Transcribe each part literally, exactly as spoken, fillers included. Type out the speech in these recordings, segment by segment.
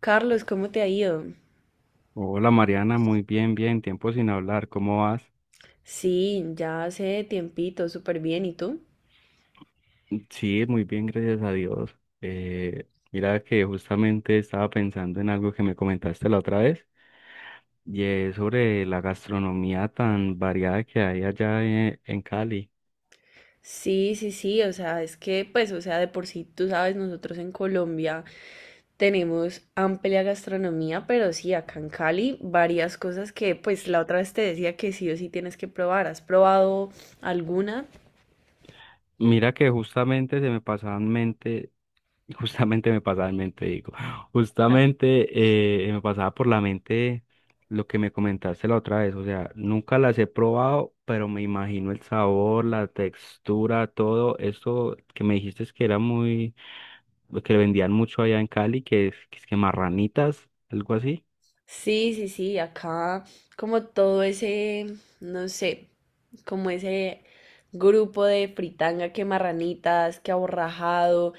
Carlos, ¿cómo te ha ido? Hola Mariana, muy bien, bien, tiempo sin hablar, ¿cómo vas? Sí, ya hace tiempito, súper bien. ¿Y tú? Sí, muy bien, gracias a Dios. Eh, mira que justamente estaba pensando en algo que me comentaste la otra vez y es sobre la gastronomía tan variada que hay allá e- en Cali. Sí, sí, sí, o sea, es que, pues, o sea, de por sí, tú sabes, nosotros en Colombia tenemos amplia gastronomía, pero sí, acá en Cali, varias cosas que, pues, la otra vez te decía que sí o sí tienes que probar. ¿Has probado alguna? Mira que justamente se me pasaba en mente Y Justamente me pasaba en mente, digo, justamente eh, me pasaba por la mente lo que me comentaste la otra vez, o sea, nunca las he probado, pero me imagino el sabor, la textura, todo eso que me dijiste es que era muy, que vendían mucho allá en Cali, que es que, es que marranitas, algo así. Sí, sí, sí, acá como todo ese, no sé, como ese grupo de fritanga, que marranitas, que aborrajado,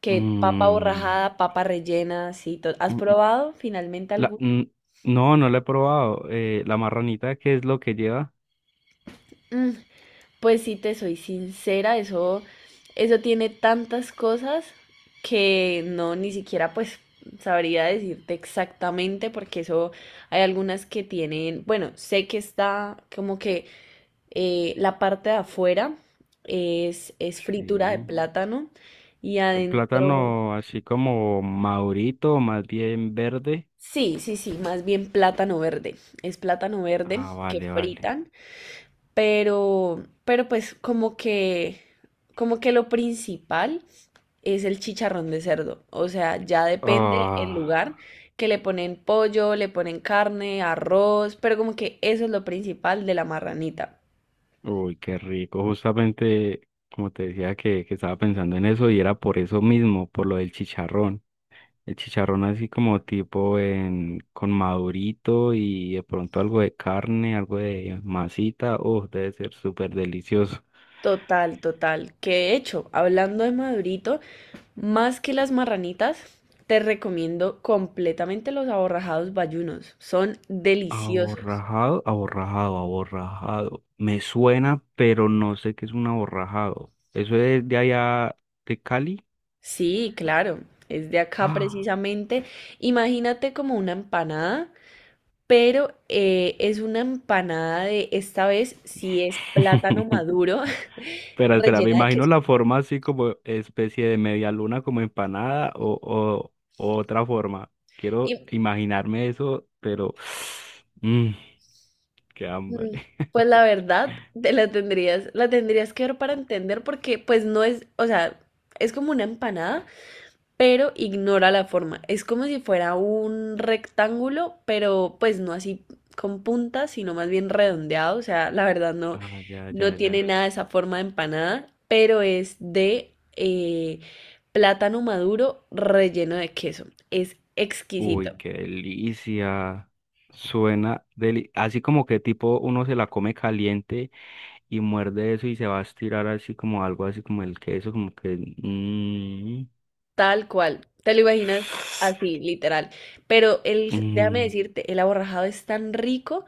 que papa Mm, borrajada, papa rellena, sí, to- ¿has mm, mm, probado finalmente la- alguna? mm, no, no la he probado. Eh, la marranita, ¿qué es lo que lleva? Mm, pues sí, te soy sincera, eso, eso tiene tantas cosas que no, ni siquiera pues sabría decirte exactamente porque eso hay algunas que tienen, bueno, sé que está como que eh, la parte de afuera es, es fritura de Sí. plátano y El adentro, plátano así como madurito, más bien verde. sí, sí, sí, más bien plátano verde, es plátano verde Ah, que vale, vale. fritan. Pero, pero pues como que, como que lo principal es el chicharrón de cerdo. O sea, ya depende el Ah, lugar que le ponen pollo, le ponen carne, arroz, pero como que eso es lo principal de la marranita. uy, qué rico. Justamente, como te decía, que, que estaba pensando en eso y era por eso mismo, por lo del chicharrón. El chicharrón así como tipo en, con madurito y de pronto algo de carne, algo de masita. Oh, debe ser súper delicioso. Total, total. Que de hecho, hablando de madurito, más que las marranitas, te recomiendo completamente los aborrajados bayunos. Son deliciosos. Aborrajado, aborrajado, aborrajado. Me suena, pero no sé qué es un aborrajado. ¿Eso es de allá de Cali? Sí, claro, es de acá Ah. precisamente. Imagínate como una empanada, pero eh, es una empanada de, esta vez sí es plátano maduro Espera, espera, me rellena de imagino queso. la forma así como especie de media luna, como empanada o, o- o otra forma. Quiero Y imaginarme eso, pero. mm, Qué hambre. mm, pues la verdad, te la tendrías, la tendrías que ver para entender porque pues no es, o sea, es como una empanada, pero ignora la forma. Es como si fuera un rectángulo, pero pues no así con puntas, sino más bien redondeado. O sea, la verdad no, Ah, ya, no ya, tiene ya. nada de esa forma de empanada, pero es de eh, plátano maduro relleno de queso. Es Uy, exquisito, qué delicia. Suena deli- así como que tipo uno se la come caliente y muerde eso y se va a estirar así como algo así como el queso, como que. mm, tal cual. Te lo imaginas así, literal. Pero el, déjame mm, decirte, el aborrajado es tan rico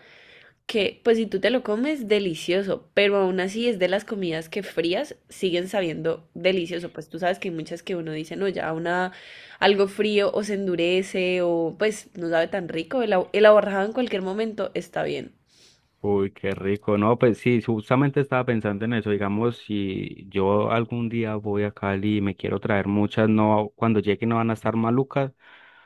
que pues si tú te lo comes, delicioso, pero aún así es de las comidas que frías siguen sabiendo delicioso, pues tú sabes que hay muchas que uno dice, no, ya una, algo frío o se endurece o pues no sabe tan rico, el, ahor- el ahorrado en cualquier momento está bien, Uy, qué rico. No, pues sí, justamente estaba pensando en eso. Digamos, si yo algún día voy a Cali y me quiero traer muchas, no, cuando llegue no van a estar malucas.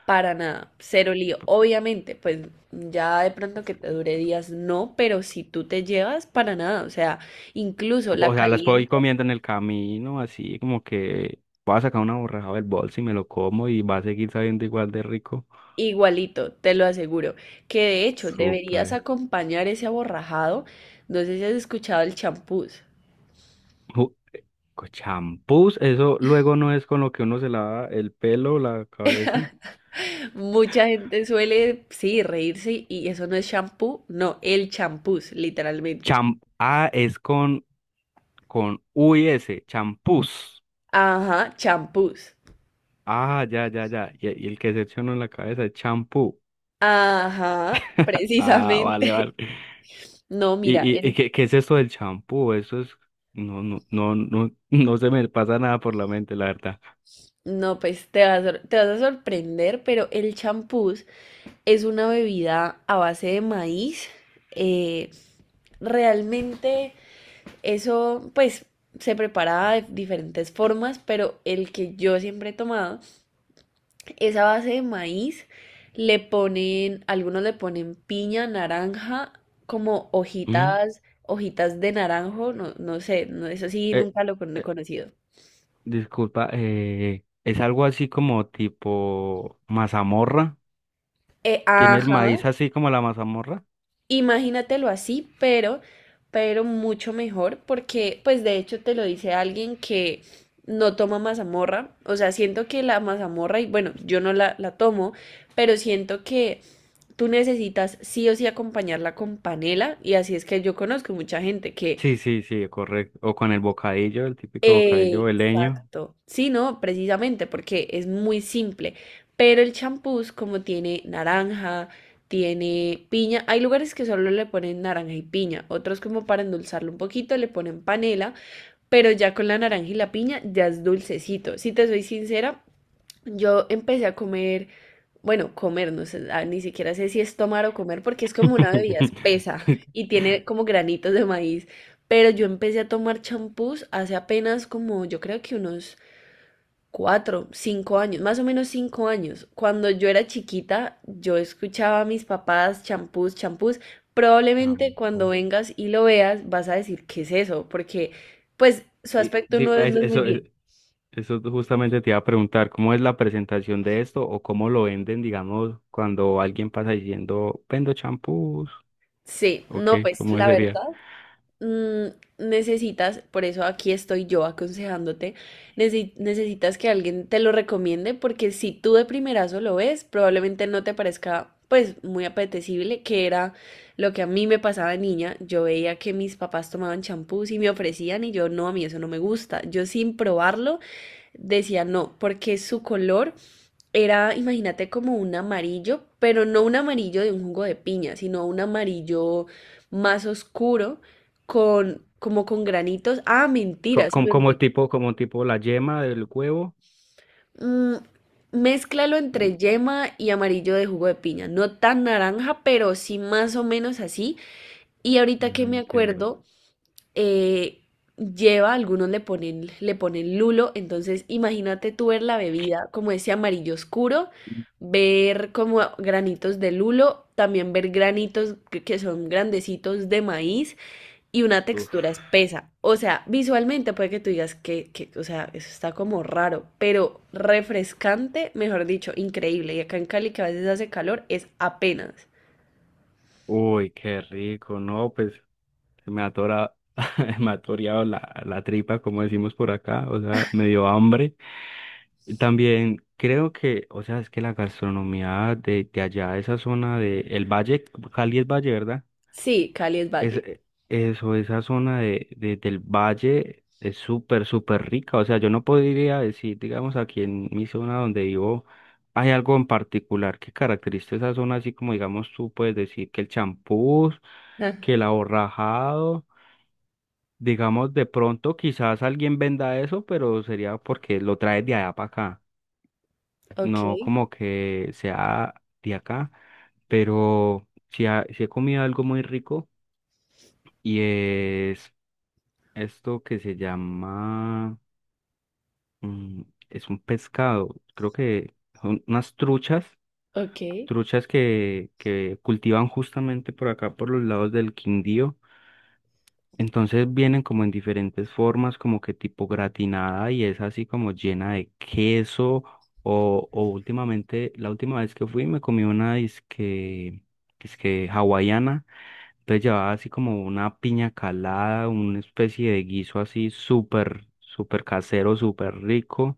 para nada, cero lío, obviamente, pues ya de pronto Pues, que eh, te dure días, no, pero si tú te llevas, para nada, o sea, incluso O, la o sea, las puedo ir caliente. comiendo en el camino, así como que voy a sacar una borraja del bolso y me lo como y va a seguir sabiendo igual de rico. Igualito, te lo aseguro. Que de hecho deberías Súper. acompañar ese aborrajado. No sé si has escuchado el champús. Con champús, eso luego no es con lo que uno se lava el pelo, la cabeza. Mucha gente suele, sí, reírse y eso no es champú, no, el champús, literalmente. Cham, ah, es con, con u s, champús. Ajá, champús. Ah, ya, ya, ya. Y, y el que se echa uno en la cabeza es champú. Ajá, Ah, vale, vale. precisamente. No, ¿Y, mira, y, y el- qué, qué es esto del champú? Eso es, no, no, no, no, no se me pasa nada por la mente, la verdad. no, pues te vas, a- te vas a sorprender, pero el champús es una bebida a base de maíz. eh, realmente eso, pues, se prepara de diferentes formas, pero el que yo siempre he tomado es a base de maíz. Le ponen, algunos le ponen piña, naranja, como Mm, hojitas, hojitas de naranjo, no, no sé, no, eso sí, eh, nunca lo he eh, conocido. disculpa, eh, es algo así como tipo mazamorra. Eh, ¿Tiene el ajá, maíz así como la mazamorra? imagínatelo así, pero, pero mucho mejor, porque pues de hecho te lo dice alguien que no toma mazamorra, o sea, siento que la mazamorra, y bueno, yo no la, la tomo, pero siento que tú necesitas sí o sí acompañarla con panela, y así es que yo conozco mucha gente que... Sí, sí, sí, correcto. O con el bocadillo, el típico bocadillo veleño. Exacto. Sí, no, precisamente porque es muy simple. Pero el champús, como tiene naranja, tiene piña, hay lugares que solo le ponen naranja y piña, otros como para endulzarlo un poquito le ponen panela, pero ya con la naranja y la piña ya es dulcecito. Si te soy sincera, yo empecé a comer, bueno, comer, no sé, ah, ni siquiera sé si es tomar o comer, porque es como una bebida espesa y tiene como granitos de maíz. Pero yo empecé a tomar champús hace apenas como, yo creo que unos cuatro, cinco años, más o menos cinco años. Cuando yo era chiquita, yo escuchaba a mis papás champús, champús. Probablemente cuando Champo. vengas y lo veas, vas a decir, ¿qué es eso? Porque, pues, su Y aspecto di- no, es- es- no es muy eso, es- bien. eso justamente te iba a preguntar, ¿cómo es la presentación de esto o cómo lo venden, digamos, cuando alguien pasa diciendo, vendo champús? Sí, ¿O no, qué? pues, ¿Cómo la sería? verdad. Mm, necesitas, por eso aquí estoy yo aconsejándote, necesi- necesitas que alguien te lo recomiende porque si tú de primerazo lo ves, probablemente no te parezca pues muy apetecible, que era lo que a mí me pasaba de niña. Yo veía que mis papás tomaban champús y me ofrecían y yo no, a mí eso no me gusta. Yo sin probarlo decía no, porque su color era, imagínate, como un amarillo, pero no un amarillo de un jugo de piña, sino un amarillo más oscuro, con, como con granitos. Ah, Co- mentira, se Como, me como olvidó. tipo, como tipo la yema del huevo. Mm, mézclalo entre Mm, yema y amarillo de jugo de piña. No tan naranja, pero sí más o menos así. Y ahorita que No me entiendo. acuerdo, eh, lleva, algunos le ponen, le ponen lulo, entonces imagínate tú ver la bebida como ese amarillo oscuro, ver como granitos de lulo, también ver granitos que que son grandecitos de maíz y una textura Uf. espesa. O sea, visualmente puede que tú digas que, que, o sea, eso está como raro, pero refrescante, mejor dicho, increíble. Y acá en Cali, que a veces hace calor, es apenas. Uy, qué rico, ¿no? Pues se me atora, me ha toreado la, la tripa, como decimos por acá, o sea, me dio hambre. También creo que, o sea, es que la gastronomía de, de allá, de esa zona de el Valle. Cali es Valle, ¿verdad? Sí, Cali es Es, valle. eso, esa zona de, de- del Valle es súper, súper rica. O sea, yo no podría decir, digamos, aquí en mi zona donde vivo, hay algo en particular que caracteriza esa zona, así como, digamos, tú puedes decir que el champús, Ah, que el aborrajado. Digamos, de pronto quizás alguien venda eso, pero sería porque lo traes de allá para acá, no ok, como que sea de acá, pero si he comido algo muy rico y es esto que se llama, mm, es un pescado, creo que son unas truchas, ok. truchas que, que cultivan justamente por acá, por los lados del Quindío. Entonces vienen como en diferentes formas, como que tipo gratinada y es así como llena de queso. O, o últimamente, la última vez que fui me comí una disque, disque hawaiana. Entonces llevaba así como una piña calada, una especie de guiso así súper, súper casero, súper rico.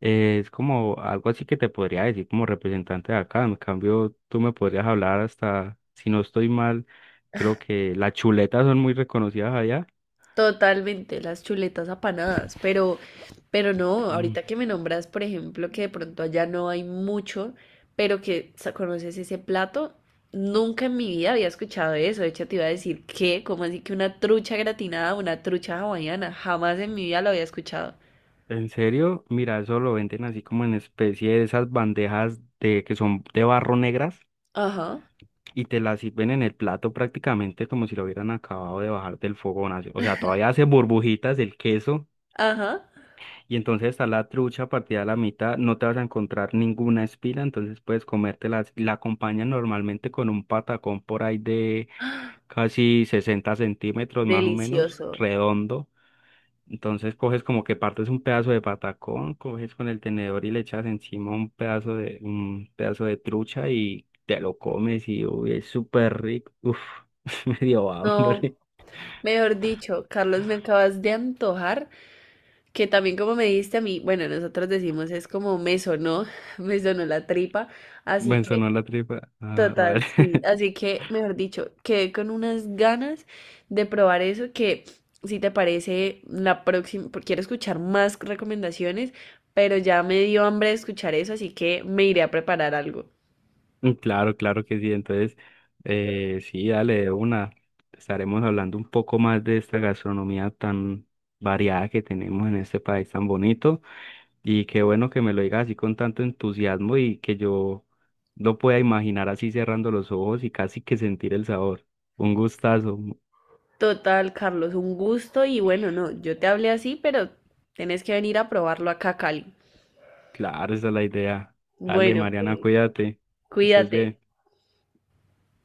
Eh, es como algo así que te podría decir como representante de acá. En cambio, tú me podrías hablar hasta, si no estoy mal, creo que las chuletas son muy reconocidas allá. Totalmente, las chuletas apanadas, pero, pero no, Mm, ahorita que me nombras, por ejemplo, que de pronto allá no hay mucho, pero que sa- conoces ese plato, nunca en mi vida había escuchado eso. De hecho, te iba a decir que, como así que ¿una trucha gratinada, una trucha hawaiana? Jamás en mi vida lo había escuchado. ¿En serio? Mira, eso lo venden así como en especie de esas bandejas de que son de barro negras Ajá, y te las sirven en el plato prácticamente como si lo hubieran acabado de bajar del fogón, así. O sea, todavía hace burbujitas el queso ajá. y entonces está la trucha partida a la mitad, no te vas a encontrar ninguna espina, entonces puedes comértela así. La acompañan normalmente con un patacón por ahí de casi sesenta centímetros más o menos, Delicioso. redondo. Entonces coges como que partes un pedazo de patacón, coges con el tenedor y le echas encima un pedazo de, un pedazo de trucha y te lo comes y uy, es súper rico. Uf, me dio No, hambre. mejor dicho, Carlos, me acabas de antojar. Que también como me dijiste a mí, bueno, nosotros decimos es como me sonó, me sonó la tripa, así Me que sonó la tripa. Ah, total, vale. sí, así que mejor dicho, quedé con unas ganas de probar eso que si te parece la próxima, porque quiero escuchar más recomendaciones, pero ya me dio hambre de escuchar eso, así que me iré a preparar algo. Claro, claro que sí. Entonces, eh, sí, dale de una. Estaremos hablando un poco más de esta gastronomía tan variada que tenemos en este país tan bonito. Y qué bueno que me lo digas así con tanto entusiasmo y que yo lo pueda imaginar así cerrando los ojos y casi que sentir el sabor. Un gustazo. Total, Carlos, un gusto y bueno, no, yo te hablé así, pero tenés que venir a probarlo acá a Cali. Claro, esa es la idea. Dale, Bueno, Mariana, pues cuídate. Que estés cuídate. bien.